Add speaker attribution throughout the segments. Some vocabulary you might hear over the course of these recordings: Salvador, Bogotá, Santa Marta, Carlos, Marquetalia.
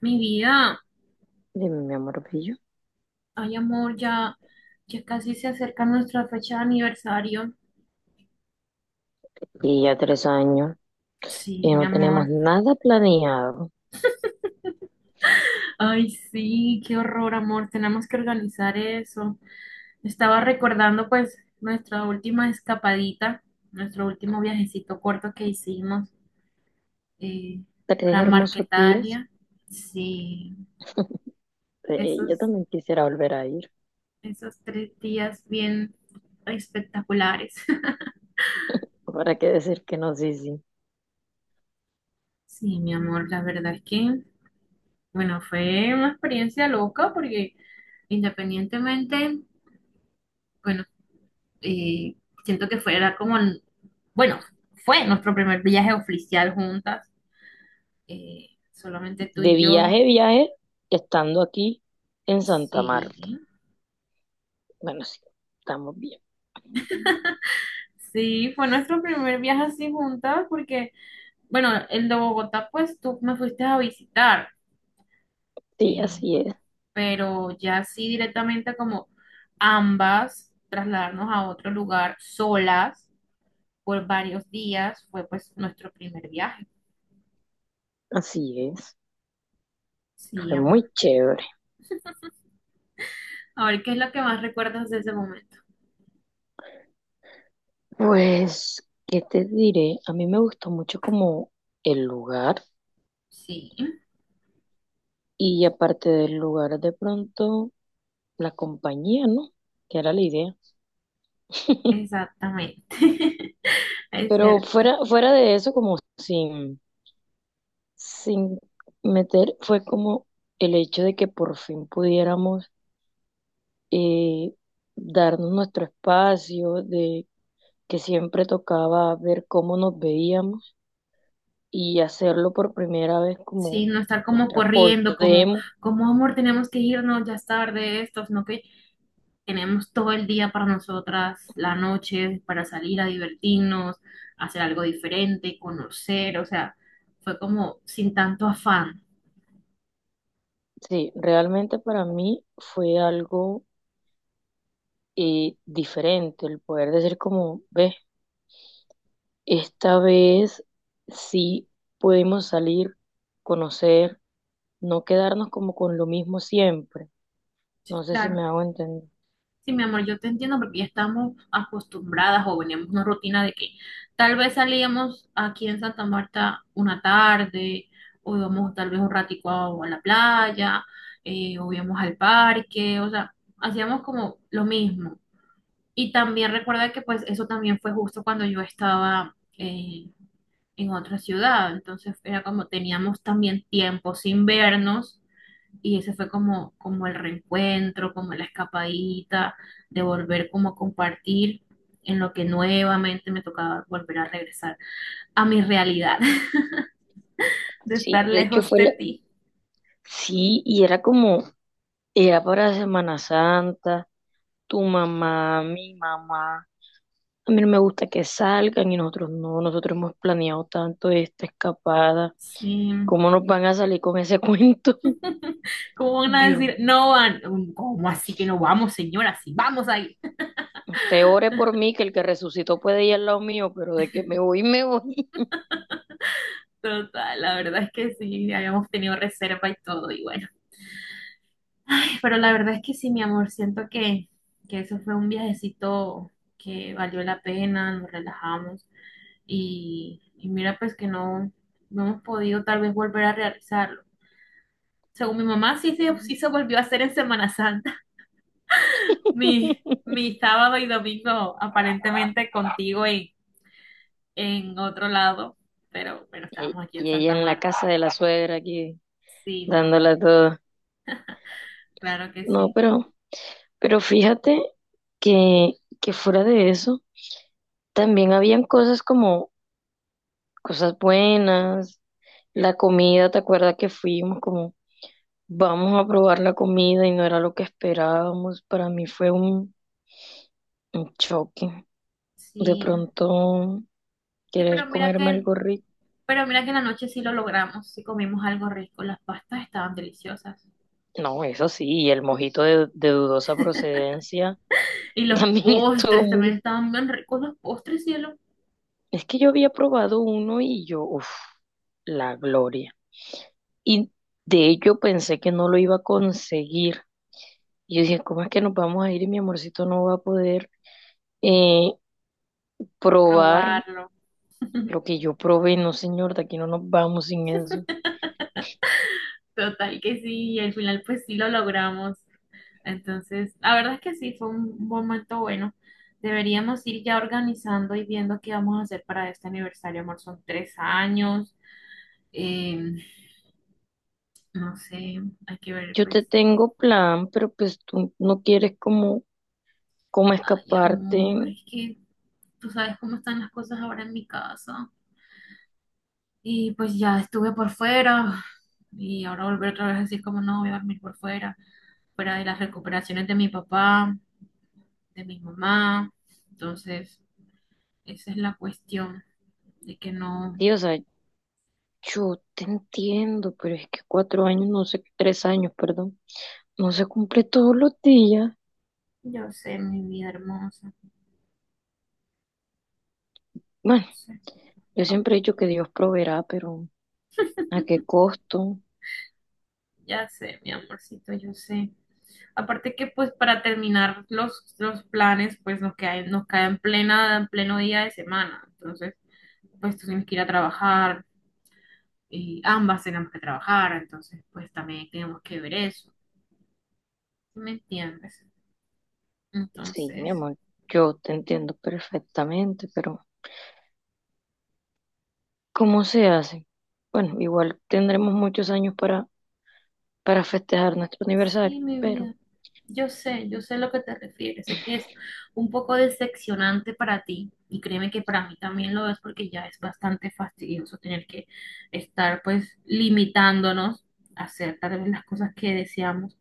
Speaker 1: Mi vida,
Speaker 2: Dime, mi amor bello.
Speaker 1: ay amor, ya, ya casi se acerca nuestra fecha de aniversario.
Speaker 2: Y ya 3 años
Speaker 1: Sí,
Speaker 2: y
Speaker 1: mi
Speaker 2: no tenemos
Speaker 1: amor.
Speaker 2: nada planeado.
Speaker 1: Ay, sí, qué horror, amor. Tenemos que organizar eso. Estaba recordando pues nuestra última escapadita, nuestro último viajecito corto que hicimos eh,
Speaker 2: Tres
Speaker 1: para
Speaker 2: hermosos días.
Speaker 1: Marquetalia. Sí,
Speaker 2: Yo
Speaker 1: esos,
Speaker 2: también quisiera volver a ir.
Speaker 1: esos tres días bien espectaculares.
Speaker 2: ¿Para qué decir que no? Sí, sí.
Speaker 1: Sí, mi amor, la verdad es que bueno, fue una experiencia loca porque independientemente, bueno, eh, siento que fuera como, bueno, fue nuestro primer viaje oficial juntas, solamente tú
Speaker 2: De
Speaker 1: y yo,
Speaker 2: viaje, viaje, estando aquí en Santa Marta.
Speaker 1: sí,
Speaker 2: Bueno, sí, estamos bien.
Speaker 1: sí, fue nuestro primer viaje así juntas porque, bueno, el de Bogotá, pues tú me fuiste a visitar,
Speaker 2: Sí,
Speaker 1: eh,
Speaker 2: así es,
Speaker 1: pero ya sí directamente como ambas trasladarnos a otro lugar solas por varios días. Fue pues nuestro primer viaje.
Speaker 2: así es.
Speaker 1: Sí,
Speaker 2: Fue
Speaker 1: amor.
Speaker 2: muy chévere.
Speaker 1: A ver, ¿qué es lo que más recuerdas de ese momento?
Speaker 2: Pues, ¿qué te diré? A mí me gustó mucho como el lugar
Speaker 1: Sí,
Speaker 2: y aparte del lugar de pronto, la compañía, ¿no? Que era la idea.
Speaker 1: exactamente. Es
Speaker 2: Pero
Speaker 1: cierto.
Speaker 2: fuera, fuera de eso, como sin meter, fue como el hecho de que por fin pudiéramos eh, darnos nuestro espacio, de que siempre tocaba ver cómo nos veíamos y hacerlo por primera vez como
Speaker 1: Sí, no estar como
Speaker 2: nosotras
Speaker 1: corriendo, como,
Speaker 2: podemos.
Speaker 1: como amor, tenemos que irnos, ya es tarde, esto, sino que tenemos todo el día para nosotras, la noche, para salir a divertirnos, hacer algo diferente, conocer, o sea, fue como sin tanto afán.
Speaker 2: Sí, realmente para mí fue algo diferente el poder decir como, ves, esta vez sí pudimos salir, conocer, no quedarnos como con lo mismo siempre. No sé si
Speaker 1: Claro.
Speaker 2: me hago entender.
Speaker 1: Sí, mi amor, yo te entiendo porque ya estamos acostumbradas o veníamos una rutina de que tal vez salíamos aquí en Santa Marta una tarde, o íbamos tal vez un ratico a la playa, o íbamos al parque, o sea, hacíamos como lo mismo. Y también recuerda que pues eso también fue justo cuando yo estaba en otra ciudad, entonces era como teníamos también tiempo sin vernos y ese fue como, como el reencuentro, como la escapadita de volver como a compartir en lo que nuevamente me tocaba volver a regresar a mi realidad de
Speaker 2: Sí,
Speaker 1: estar
Speaker 2: de hecho
Speaker 1: lejos
Speaker 2: fue
Speaker 1: de
Speaker 2: la...
Speaker 1: ti.
Speaker 2: Sí, y era como, era para Semana Santa, tu mamá, mi mamá. A mí no me gusta que salgan y nosotros no, nosotros hemos planeado tanto esta escapada.
Speaker 1: Sí,
Speaker 2: ¿Cómo nos van a salir con ese cuento?
Speaker 1: ¿cómo van a
Speaker 2: Yo.
Speaker 1: decir? No van. ¿Cómo así que no vamos, señora? Sí, vamos ahí.
Speaker 2: Te ore por mí, que el que resucitó puede ir al lado mío, pero de que me voy, me voy.
Speaker 1: Total, la verdad es que sí, habíamos tenido reserva y todo, y bueno. Pero la verdad es que sí, mi amor, siento que eso fue un viajecito que valió la pena, nos relajamos. Y, y mira pues que no, no hemos podido tal vez volver a realizarlo. Según mi mamá, sí se volvió a hacer en Semana Santa. Mi, mi sábado y domingo aparentemente contigo en otro lado, pero
Speaker 2: Y
Speaker 1: estábamos aquí en
Speaker 2: ella
Speaker 1: Santa
Speaker 2: en la
Speaker 1: Marta.
Speaker 2: casa de la suegra aquí,
Speaker 1: Sí, mi amor,
Speaker 2: dándola todo.
Speaker 1: claro que
Speaker 2: No,
Speaker 1: sí.
Speaker 2: pero fíjate que, que fuera de eso, también habían cosas como cosas buenas, la comida, ¿te acuerdas que fuimos como vamos a probar la comida y no era lo que esperábamos? Para mí fue un choque. De
Speaker 1: Sí,
Speaker 2: pronto
Speaker 1: sí,
Speaker 2: querer comerme algo rico.
Speaker 1: pero mira que en la noche sí lo logramos, sí comimos algo rico, las pastas estaban deliciosas.
Speaker 2: No, eso sí, y el mojito de dudosa procedencia
Speaker 1: Y los
Speaker 2: también estuvo
Speaker 1: postres también
Speaker 2: muy...
Speaker 1: estaban bien ricos, los postres, cielo.
Speaker 2: Es que yo había probado uno y yo, uff, la gloria. Y de ello pensé que no lo iba a conseguir. Y yo dije, ¿cómo es que nos vamos a ir y mi amorcito no va a poder eh, probar
Speaker 1: Probarlo.
Speaker 2: lo que yo probé? No, señor, de aquí no nos vamos sin eso.
Speaker 1: Total que sí, y al final pues sí lo logramos. Entonces, la verdad es que sí, fue un momento bueno. Deberíamos ir ya organizando y viendo qué vamos a hacer para este aniversario, amor. Son tres años. eh, no sé, hay que ver
Speaker 2: Yo
Speaker 1: pues.
Speaker 2: te tengo plan, pero pues tú no quieres como, como
Speaker 1: Ay, amor,
Speaker 2: escaparte.
Speaker 1: es que tú sabes cómo están las cosas ahora en mi casa. Y pues ya estuve por fuera y ahora volver otra vez a decir como no, voy a dormir por fuera, fuera de las recuperaciones de mi papá, de mi mamá. Entonces... Esa es la cuestión de que no,
Speaker 2: Sí, o sea, yo te entiendo, pero es que 4 años, no sé, 3 años, perdón, no se cumple todos los días.
Speaker 1: yo sé, mi vida hermosa,
Speaker 2: Bueno,
Speaker 1: no sé,
Speaker 2: yo
Speaker 1: no,
Speaker 2: siempre he dicho que Dios proveerá, pero ¿a qué costo?
Speaker 1: ya sé, mi amorcito, yo sé. Aparte que pues para terminar los planes, pues nos cae en plena, en pleno día de semana. Entonces, pues tú tienes que ir a trabajar y ambas tenemos que trabajar, entonces pues también tenemos que ver eso, ¿sí ¿me entiendes?
Speaker 2: Sí, mi
Speaker 1: Entonces,
Speaker 2: amor, yo te entiendo perfectamente, pero ¿cómo se hace? Bueno, igual tendremos muchos años para festejar nuestro aniversario,
Speaker 1: sí, mi
Speaker 2: pero...
Speaker 1: vida. Yo sé a lo que te refieres. Sé que es un poco decepcionante para ti y créeme que para mí también lo es porque ya es bastante fastidioso tener que estar pues limitándonos a hacer tal vez las cosas que deseamos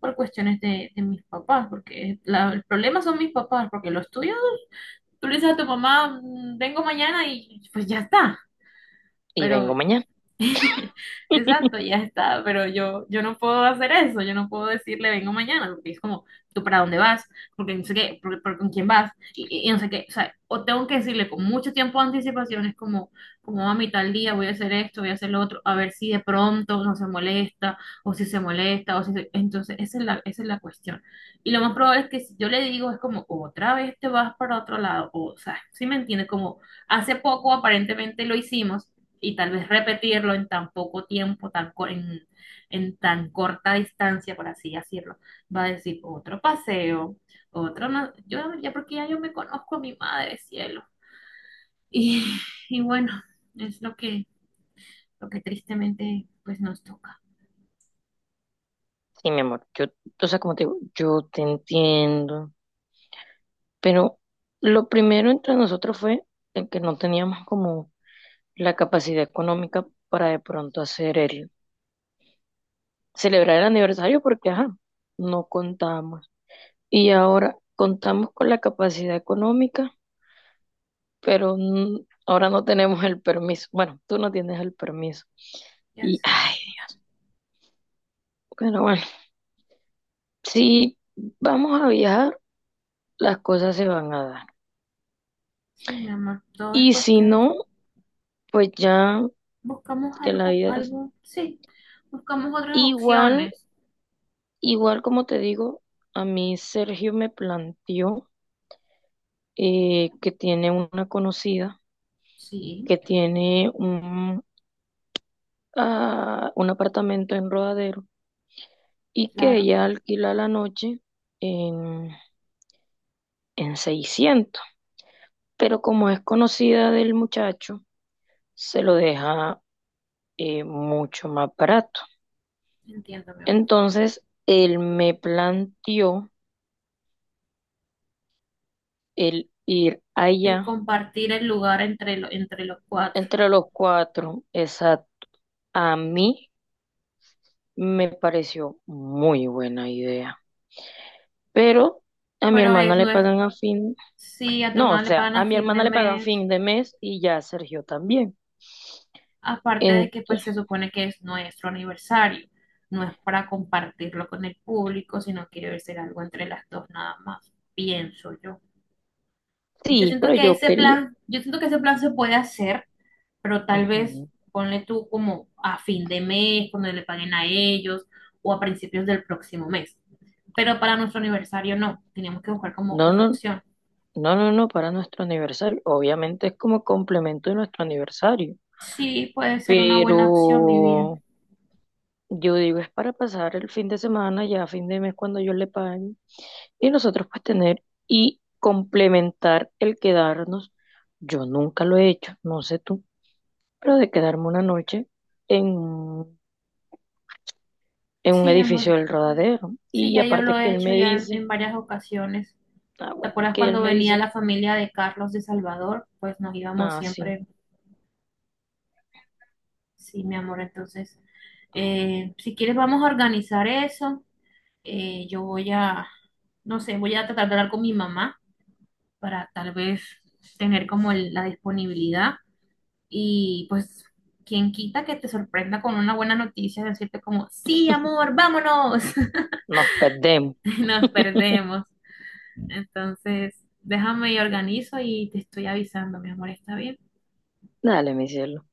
Speaker 1: por cuestiones de mis papás, porque el problema son mis papás, porque los tuyos, tú le dices a tu mamá, "Mm, vengo mañana y pues ya está."
Speaker 2: Y
Speaker 1: Pero
Speaker 2: vengo mañana.
Speaker 1: exacto, ya está, pero yo no puedo hacer eso, yo no puedo decirle vengo mañana, porque es como, ¿tú para dónde vas? Porque no sé qué, con quién vas, y no sé qué, o sea, o tengo que decirle con mucho tiempo de anticipación, es como, como a mitad del día voy a hacer esto, voy a hacer lo otro, a ver si de pronto no se molesta, o si se molesta, o si se- entonces esa es la cuestión. Y lo más probable es que si yo le digo es como, otra vez te vas para otro lado, o sea, ¿si me entiendes? Como hace poco aparentemente lo hicimos y tal vez repetirlo en tan poco tiempo, en tan corta distancia, por así decirlo, va a decir otro paseo, otro no, yo ya porque ya yo me conozco a mi madre, cielo. Y, y bueno, es lo que tristemente pues nos toca.
Speaker 2: Sí, mi amor, yo, o sea, como te digo, yo te entiendo, pero lo primero entre nosotros fue el que no teníamos como la capacidad económica para de pronto hacer el, celebrar el aniversario porque, ajá, no contábamos. Y ahora contamos con la capacidad económica, pero n- ahora no tenemos el permiso. Bueno, tú no tienes el permiso.
Speaker 1: Ya
Speaker 2: Y,
Speaker 1: sé,
Speaker 2: ay,
Speaker 1: amor.
Speaker 2: pero bueno, si vamos a viajar, las cosas se van a dar.
Speaker 1: Sí, mi amor, todo es
Speaker 2: Y si
Speaker 1: cuestión.
Speaker 2: no, pues ya
Speaker 1: Buscamos
Speaker 2: que la
Speaker 1: algo,
Speaker 2: vida es
Speaker 1: algo, sí, buscamos otras
Speaker 2: igual,
Speaker 1: opciones.
Speaker 2: igual como te digo, a mí Sergio me planteó que tiene una conocida
Speaker 1: Sí,
Speaker 2: que tiene un, ah, un apartamento en Rodadero y que
Speaker 1: claro,
Speaker 2: ella alquila la noche en, en 600. Pero como es conocida del muchacho, se lo deja mucho más barato.
Speaker 1: entiendo, mi amor.
Speaker 2: Entonces, él me planteó el ir
Speaker 1: El
Speaker 2: allá
Speaker 1: compartir el lugar entre, entre los cuatro.
Speaker 2: entre los cuatro. Esa a mí me pareció muy buena idea. Pero a mi
Speaker 1: Pero
Speaker 2: hermana
Speaker 1: es,
Speaker 2: le
Speaker 1: no es,
Speaker 2: pagan a fin.
Speaker 1: si a tu
Speaker 2: No, o
Speaker 1: hermana le
Speaker 2: sea,
Speaker 1: pagan
Speaker 2: a
Speaker 1: a
Speaker 2: mi
Speaker 1: fin de
Speaker 2: hermana le pagan
Speaker 1: mes,
Speaker 2: fin de mes y ya a Sergio también.
Speaker 1: aparte de
Speaker 2: En
Speaker 1: que pues se supone que es nuestro aniversario, no es para compartirlo con el público, sino que debe ser algo entre las dos nada más, pienso yo. Yo
Speaker 2: sí,
Speaker 1: siento
Speaker 2: pero
Speaker 1: que
Speaker 2: yo
Speaker 1: ese
Speaker 2: quería.
Speaker 1: plan, yo siento que ese plan se puede hacer, pero tal vez
Speaker 2: Ujú.
Speaker 1: ponle tú como a fin de mes, cuando le paguen a ellos, o a principios del próximo mes. Pero para nuestro aniversario no, tenemos que buscar como
Speaker 2: No,
Speaker 1: otra
Speaker 2: no,
Speaker 1: opción.
Speaker 2: no, no, no, para nuestro aniversario. Obviamente es como complemento de nuestro aniversario.
Speaker 1: Sí, puede ser una
Speaker 2: Pero
Speaker 1: buena opción, mi vida.
Speaker 2: yo digo, es para pasar el fin de semana, ya a fin de mes cuando yo le pague. Y nosotros pues tener y complementar el quedarnos. Yo nunca lo he hecho, no sé tú, pero de quedarme una noche en en un
Speaker 1: Sí,
Speaker 2: edificio
Speaker 1: amor.
Speaker 2: del Rodadero.
Speaker 1: Sí,
Speaker 2: Y
Speaker 1: ya yo
Speaker 2: aparte
Speaker 1: lo
Speaker 2: que
Speaker 1: he
Speaker 2: él
Speaker 1: hecho
Speaker 2: me
Speaker 1: ya
Speaker 2: dice,
Speaker 1: en varias ocasiones.
Speaker 2: ah,
Speaker 1: ¿Te
Speaker 2: bueno,
Speaker 1: acuerdas
Speaker 2: que él
Speaker 1: cuando
Speaker 2: me
Speaker 1: venía
Speaker 2: dice,
Speaker 1: la familia de Carlos de Salvador? Pues nos íbamos
Speaker 2: ah, sí,
Speaker 1: siempre. Sí, mi amor. Entonces, si quieres vamos a organizar eso. Yo voy a, no sé, voy a tratar de hablar con mi mamá para tal vez tener como la disponibilidad. Y pues, quien quita que te sorprenda con una buena noticia, decirte como, sí, amor, vámonos.
Speaker 2: nos perdemos.
Speaker 1: Nos perdemos. Entonces, déjame y organizo y te estoy avisando, mi amor, ¿está bien?
Speaker 2: Dale, mi cielo.